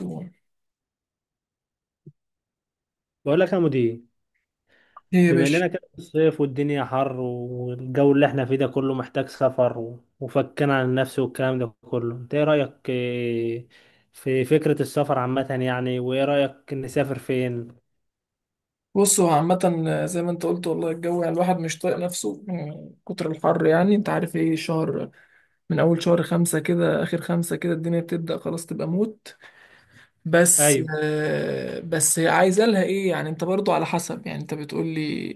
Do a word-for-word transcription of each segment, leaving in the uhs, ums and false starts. ايه بقول لك يا مدير. يا بما باشا. اننا كده في الصيف والدنيا حر والجو اللي احنا فيه ده كله محتاج سفر و- وفكنا عن النفس والكلام ده كله، انت ايه رأيك إيه، في فكرة السفر عامة يعني؟ وايه رأيك نسافر فين؟ بص، هو عامة زي ما انت قلت والله الجو، يعني الواحد مش طايق نفسه من كتر الحر، يعني انت عارف ايه شهر، من اول شهر خمسة كده اخر خمسة كده الدنيا بتبدأ خلاص تبقى موت. بس ايوه. آه، بس هي عايزة لها ايه، يعني انت برضو على حسب، يعني انت بتقول لي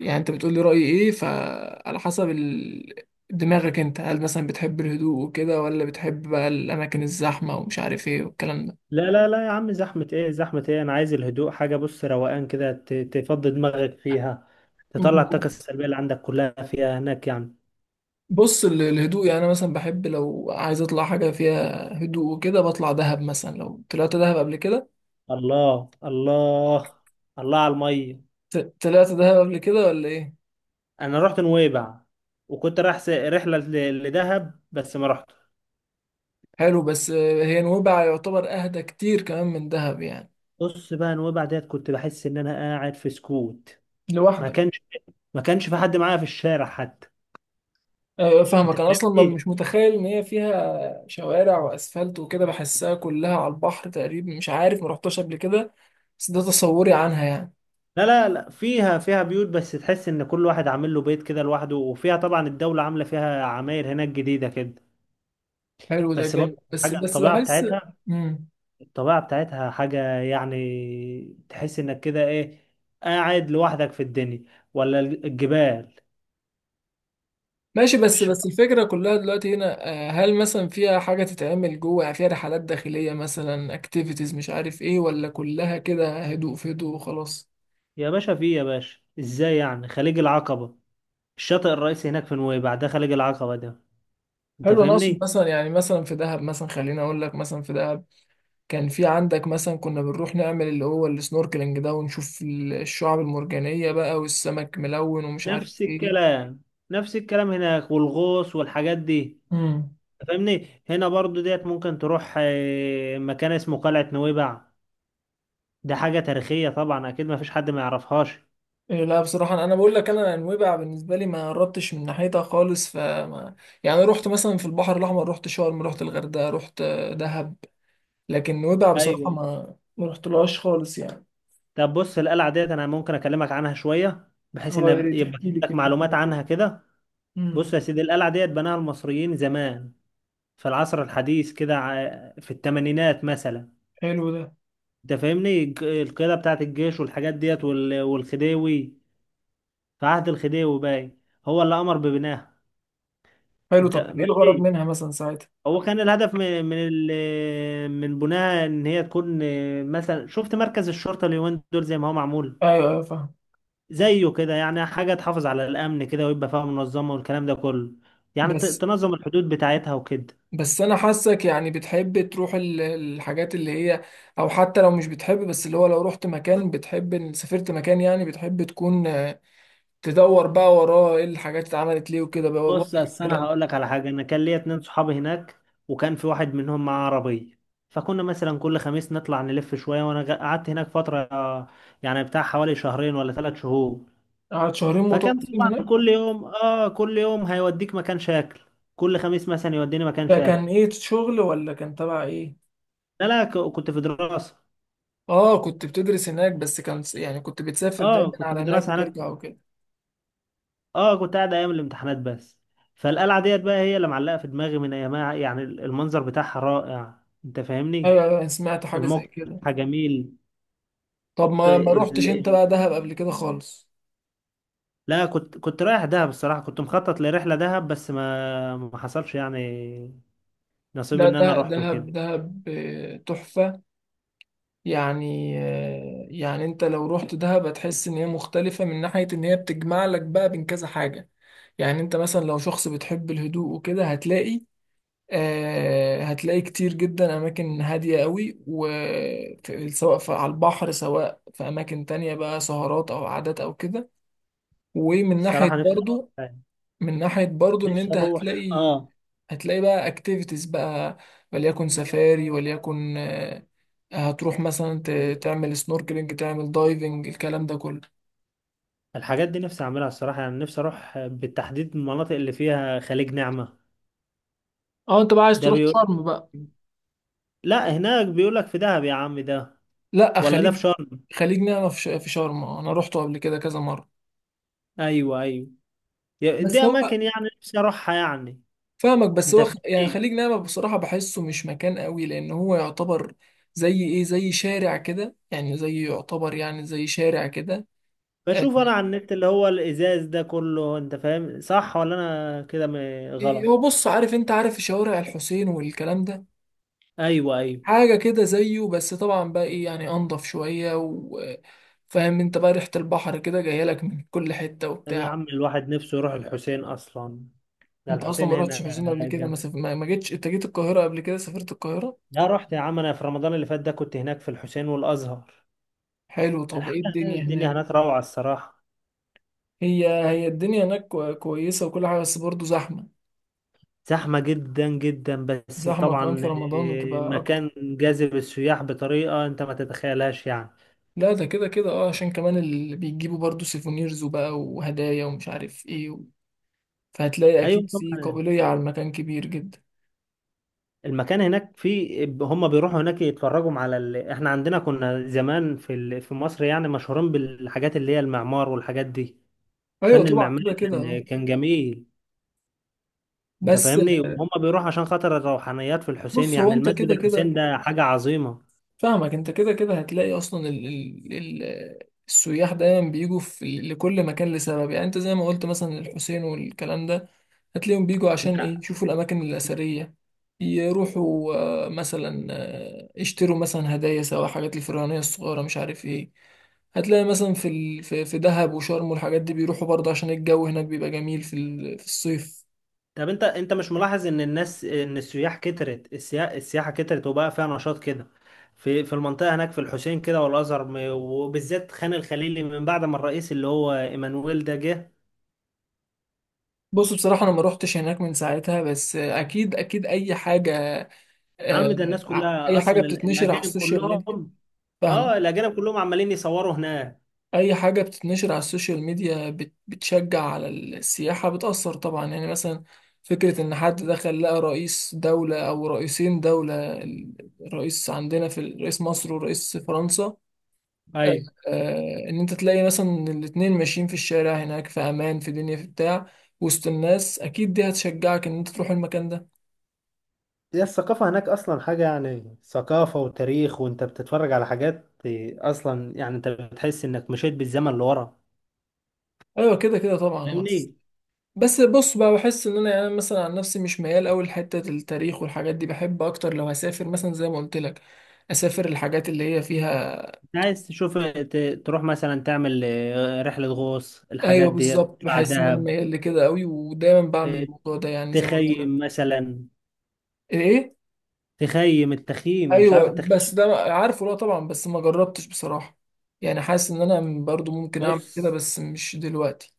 يعني انت بتقول لي رأيي ايه، فعلى حسب ال... دماغك انت، هل مثلا بتحب الهدوء وكده ولا بتحب بقى الاماكن الزحمة ومش عارف ايه والكلام لا لا لا يا عم، زحمة ايه زحمة ايه، انا عايز الهدوء، حاجة بص روقان كده ت- تفضي دماغك فيها، تطلع ده. الطاقة السلبية اللي عندك كلها فيها هناك يعني. بص، ال- الهدوء، يعني انا مثلا بحب لو عايز اطلع حاجه فيها هدوء وكده بطلع دهب مثلا. لو طلعت دهب قبل كده، الله الله، الله على المية. ت- طلعت دهب قبل كده ولا ايه؟ انا رحت نويبع، وكنت رايح س- رحله ل- لدهب بس ما رحت. حلو. بس آه، هي نويبع يعتبر اهدى كتير كمان من دهب يعني. بص بقى نويبع ديت كنت بحس ان انا قاعد في سكوت، ما لوحدك. كانش ما كانش في حد معايا في الشارع حتى. آه، انت فاهمك. انا اصلا ما- مش فاهمني؟ متخيل ان هي فيها شوارع واسفلت وكده، بحسها كلها على البحر تقريبا، مش عارف، ما رحتش قبل كده، بس ده تصوري عنها يعني. لا لا لا، فيها فيها بيوت بس تحس ان كل واحد عامل له بيت كده لوحده، وفيها طبعا الدوله عامله فيها عماير هناك جديده كده. حلو ده بس جامد. برضه بس حاجه بس الطبيعه بحس. بتاعتها، مم. الطبيعه بتاعتها حاجه، يعني تحس انك كده ايه، قاعد لوحدك في الدنيا، ولا الجبال. ماشي. بس بس الفكرة كلها دلوقتي هنا، آه، هل مثلا فيها حاجة تتعمل جوه، يعني فيها رحلات داخلية مثلا، اكتيفيتيز مش عارف ايه، ولا كلها كده هدوء في هدوء وخلاص؟ يا باشا في إيه يا باشا، ازاي يعني خليج العقبة؟ الشاطئ الرئيسي هناك في نويبع ده خليج العقبة ده، انت حلو. انا اقصد فاهمني؟ مثلا، يعني مثلا في دهب، مثلا خليني اقول لك، مثلا في دهب كان في عندك مثلا، كنا بنروح نعمل اللي هو السنوركلينج ده ونشوف ال- الشعاب المرجانية بقى، والسمك ملون ومش نفس عارف ايه. الكلام نفس الكلام هناك، والغوص والحاجات دي. مم. انت فاهمني، هنا برضو ديت ممكن تروح آه، مكان اسمه قلعة نويبع، ده حاجة تاريخية طبعا، اكيد ما فيش حد ما يعرفهاش. إيه، لا بصراحة، أنا أنا بقول لك، أنا نويبع بالنسبة لي ما قربتش من ناحيتها خالص فما، يعني رحت مثلا في البحر الأحمر، رحت شرم، رحت الغردقة، رحت آه، دهب، لكن نويبع بصراحة ايوه. ما ما رحتلهاش خالص يعني. طب بص، القلعة ديت انا ممكن اكلمك عنها شوية بحيث اه، يا ان ريت يبقى تحكي لي عندك كده. معلومات عنها كده. بص امم يا سيدي، القلعة ديت بناها المصريين زمان في العصر الحديث كده، ع- في الثمانينات مثلا. حلو ده. انت فاهمني، الج- القيادة بتاعت الجيش والحاجات ديت، وال- والخديوي، في عهد الخديوي باين، هو اللي أمر ببنائها. حلو. انت طب كان إيه الغرض ماشي؟ منها مثلا ساعتها؟ هو كان الهدف من من ال- من بنائها ان هي تكون مثلا، شفت مركز الشرطة اليومين دول زي ما هو معمول، أيوه أيوه، فاهم. زيه كده يعني، حاجة تحافظ على الأمن كده ويبقى فيها منظمة والكلام ده كله، يعني ت- بس تنظم الحدود بتاعتها وكده. بس أنا حاسك يعني بتحب تروح ال- الحاجات اللي هي، أو حتى لو مش بتحب، بس اللي هو لو رحت مكان بتحب، سافرت مكان، يعني بتحب تكون تدور بقى وراه ايه الحاجات اللي اتعملت ليه وكده بقى، بص واضح اصل انا الكلام. هقول لك على حاجه، انا كان ليا اتنين صحابي هناك، وكان في واحد منهم معاه عربيه، فكنا مثلا كل خميس نطلع نلف شويه، وانا غ- قعدت هناك فتره، آه، يعني بتاع حوالي شهرين ولا ثلاث شهور. قعدت شهرين فكان متواصلين طبعا هناك؟ كل يوم اه كل يوم هيوديك مكان شاكل، كل خميس مثلا يوديني مكان شاكل. فكان ايه، شغل ولا كان تبع ايه؟ لا لا، ك- كنت في دراسه. اه، كنت بتدرس هناك؟ بس كان س- يعني كنت بتسافر دايما اه كنت على في هناك دراسه هناك، وترجع وكده. اه كنت قاعد ايام الامتحانات بس. فالقلعه ديت بقى هي اللي معلقه في دماغي من ايامها، يعني المنظر بتاعها رائع، انت فاهمني، ايوه ايوه، أنا سمعت حاجه زي الموقف كده. بتاعها جميل. طب ت- ما ما ال... روحتش انت ال- بقى دهب قبل كده خالص؟ لا، كنت كنت رايح دهب، الصراحة كنت مخطط لرحلة دهب بس ما ما حصلش يعني، نصيب لا، ان انا ده رحت وكده. دهب، دهب آه، تحفه. يعني آه، يعني انت لو رحت دهب هتحس ان هي مختلفه، من ناحيه ان هي بتجمع لك بقى بين كذا حاجه، يعني انت مثلا لو شخص بتحب الهدوء وكده هتلاقي، آه، هتلاقي كتير جدا أماكن هادية قوي، و في- سواء في على البحر، سواء في أماكن تانية بقى، سهرات أو عادات أو كده. ومن ناحية الصراحة نفسي اروح برضو، يعني. من ناحية برضو إن نفسي أنت اروح هتلاقي اه. هتلاقي بقى أكتيفيتيز بقى، وليكن سفاري، وليكن آه، هتروح مثلا ت- تعمل سنوركلينج، تعمل دايفنج، الكلام ده كله. الحاجات دي نفسي اعملها الصراحة، يعني نفسي اروح بالتحديد المناطق اللي فيها خليج نعمة. أه، أنت بقى عايز ده تروح بيقول، شرم بقى؟ لا هناك بيقول لك في دهب يا عم ده، لأ، ولا ده في خليج، شرم؟ خليج نعمة في ش- في شرم آه، أنا روحته قبل كده كذا مرة. ايوه ايوه، دي بس هو، اماكن يعني نفسي اروحها يعني، فاهمك. بس انت هو خ- يعني فاهم. خليج نعمة بصراحة بحسه مش مكان قوي، لأن هو يعتبر زي إيه، زي شارع كده يعني، زي يعتبر يعني زي شارع كده. آه، بشوف انا على النت اللي هو الازاز ده كله، انت فاهم صح ولا انا كده م- إيه، هو غلط؟ بص، عارف أنت، عارف شوارع الحسين والكلام ده؟ ايوه ايوه. حاجة كده زيه، بس طبعا بقى إيه يعني، أنضف شوية، وفاهم أنت بقى ريحة البحر كده جاية لك من كل حتة طب يا عم وبتاع. الواحد نفسه يروح الحسين اصلا، ده أنت أصلا الحسين ما رحتش هنا حسين قبل كده، ما, جنب. سف... ما ما جيتش أنت، جيت القاهرة قبل كده، سافرت القاهرة؟ يا رحت يا عم، انا في رمضان اللي فات ده كنت هناك في الحسين والازهر. حلو. طب إيه الحاجه هنا، الدنيا الدنيا هناك؟ هناك روعه الصراحه. هي هي الدنيا هناك كو- كويسة وكل حاجة، بس برضه زحمة. زحمه جدا جدا بس زحمة كمان طبعا في رمضان، إيه، وتبقى أكتر. مكان جاذب السياح بطريقه انت ما تتخيلهاش يعني. لا ده كده كده اه، عشان كمان اللي بيجيبوا برضه سيفونيرز وبقى وهدايا، ومش عارف ايه و... فهتلاقي ايوه أكيد في طبعا. قابلية على المكان كبير جدا. المكان هناك في، هم بيروحوا هناك يتفرجوا على ال... احنا عندنا كنا زمان في ال... في مصر يعني مشهورين بالحاجات اللي هي المعمار والحاجات دي. أيوة الفن طبعا، المعماري كده كده اه. كان كان جميل. انت بس فاهمني، وهم بيروحوا عشان خاطر الروحانيات في الحسين، بص، هو يعني أنت المسجد كده الحسين كده ده حاجة عظيمة. فاهمك، انت كده كده هتلاقي اصلا ال ال ال السياح دايما بيجوا في لكل مكان لسبب، يعني انت زي ما قلت مثلا الحسين والكلام ده، هتلاقيهم بيجوا عشان انت ايه، يشوفوا الاماكن الاثريه، يروحوا آه، مثلا آه، يشتروا مثلا هدايا، سواء حاجات الفرعونيه الصغيره، مش عارف ايه. هتلاقي مثلا في ال... في في دهب وشرم والحاجات دي، بيروحوا برضه عشان الجو هناك بيبقى جميل في ال... في الصيف. طب انت انت مش ملاحظ ان الناس، ان السياح كترت، السيا... السياحة كترت وبقى فيها نشاط كده في في المنطقة هناك في الحسين كده والأزهر، م- وبالذات خان الخليلي من بعد ما الرئيس اللي هو ايمانويل ده جه. بص، بصراحة أنا ما روحتش هناك من ساعتها، بس أكيد أكيد أي حاجة آه، عم ده الناس ع- كلها اي حاجه اصلا ال- بتتنشر على الاجانب السوشيال ميديا، كلهم، فاهمه. اه الاجانب كلهم عمالين يصوروا هناك. اي حاجه بتتنشر على السوشيال ميديا بت- بتشجع على السياحه، بتاثر طبعا يعني. مثلا فكره ان حد دخل لقى رئيس دوله او رئيسين دوله، ال- الرئيس عندنا، في ال- رئيس مصر ورئيس فرنسا، آه، ايوه، آه، ان انت تلاقي مثلا الاتنين ماشيين في الشارع هناك، في امان، في دنيا، في بتاع، وسط الناس، اكيد دي هتشجعك ان انت تروح المكان ده. هي الثقافة هناك أصلا حاجة، يعني ثقافة وتاريخ، وأنت بتتفرج على حاجات أصلا يعني أنت بتحس إنك مشيت بالزمن لورا، ايوه كده كده طبعا. فاهمني. بس بص بقى، بحس ان انا يعني، أنا مثلا عن نفسي مش ميال قوي لحته التاريخ والحاجات دي، بحب اكتر لو هسافر مثلا زي ما قلت لك، اسافر الحاجات اللي هي فيها. انت عايز تشوف ت- تروح مثلا تعمل آه، رحلة غوص، الحاجات ايوه دي، بالظبط، تطلع بحس ان انا دهب. ميال لكده قوي، ودايما بعمل آه، الموضوع ده، يعني زي ما قلت لك. تخيم مثلا، ايه؟ تخيم التخييم، مش عارف ايوه، بس التخييم؟ ده عارفه، لا طبعا، بس ما جربتش بصراحه، يعني حاسس ان انا برضو ممكن اعمل كده، بص، بس مش دلوقتي.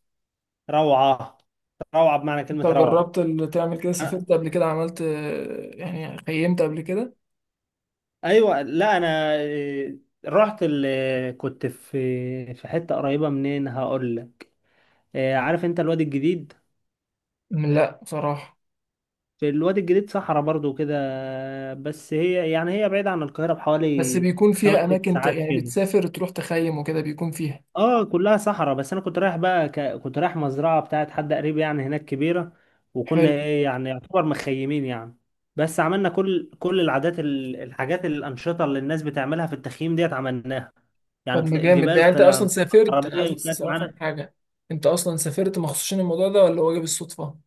روعة، روعة بمعنى انت كلمة روعة. جربت؟ اللي تعمل كده، سافرت قبل كده، عملت آه، يعني خيمت قبل كده؟ ايوه لا انا آه، رحت ال... آه، كنت في في حته قريبه، منين هقول لك، آه، عارف انت الوادي الجديد؟ لا بصراحه. في الوادي الجديد صحراء برضو كده، بس هي يعني هي بعيده عن القاهره بس بحوالي بيكون خمس فيها ست اماكن ت... ساعات يعني كده. بتسافر تروح تخيم وكده، بيكون فيها؟ اه كلها صحراء، بس انا كنت رايح بقى، ك... كنت رايح مزرعه بتاعت حد قريب يعني هناك كبيره، وكنا حلو. ايه يعني يعتبر مخيمين يعني. بس عملنا كل كل العادات، ال- الحاجات الانشطه اللي الناس بتعملها في التخييم ديت عملناها، طب يعني ما طل- جامد ده. جبال يعني انت اصلا طلعنا، سافرت، انا عربيه عايز بس كانت افهم معانا. حاجه، انت اصلا سافرت مخصوص عشان الموضوع ده، ولا هو جه بالصدفه؟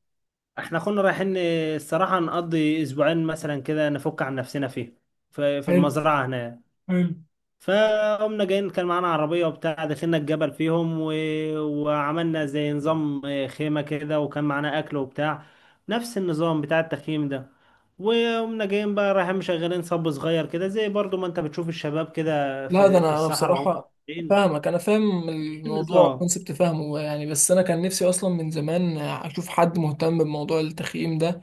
احنا كنا رايحين الصراحه نقضي اسبوعين مثلا كده، نفك عن نفسنا فيه في في حلو. المزرعه هناك. حلو. فقمنا جايين، كان معانا عربية وبتاع، دخلنا الجبل فيهم، و... وعملنا زي نظام آه، خيمة كده، وكان معانا أكل وبتاع، نفس النظام بتاع التخييم ده. وقمنا جايين بقى رايحين مشغلين صب صغير كده، زي برضو ما انت بتشوف الشباب كده لا ده في في انا انا الصحراء وهم بصراحه ماشيين. فاهمك. انا فاهم الموضوع، النظام، الكونسبت فاهمه يعني. بس انا كان نفسي اصلا من زمان اشوف حد مهتم بموضوع التخييم ده،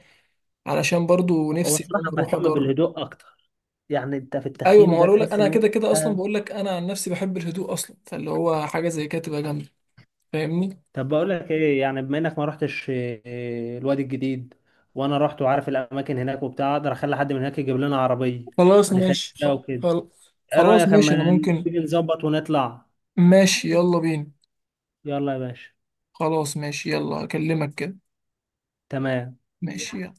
علشان برضو هو نفسي ان انا الصراحة اروح بهتم اجرب. بالهدوء أكتر، يعني أنت في ايوه، ما التخييم هو ده أقول لك، تحس انا إن أنت. كده كده اصلا بقول لك انا عن نفسي بحب الهدوء اصلا، فاللي هو حاجه زي كده تبقى جامده. فاهمني. طب بقول لك ايه، يعني بما انك ما رحتش إيه، الوادي الجديد، وانا رحت وعارف الاماكن هناك وبتاع، اقدر اخلي حد من هناك يجيب لنا عربيه خلاص نخيم ماشي. بيها وكده. خل- ايه خلاص رايك ماشي اما انا ممكن. نيجي نظبط ونطلع؟ ماشي، يلا بينا. يلا يا باشا. خلاص ماشي، يلا اكلمك كده. تمام. ماشي يلا.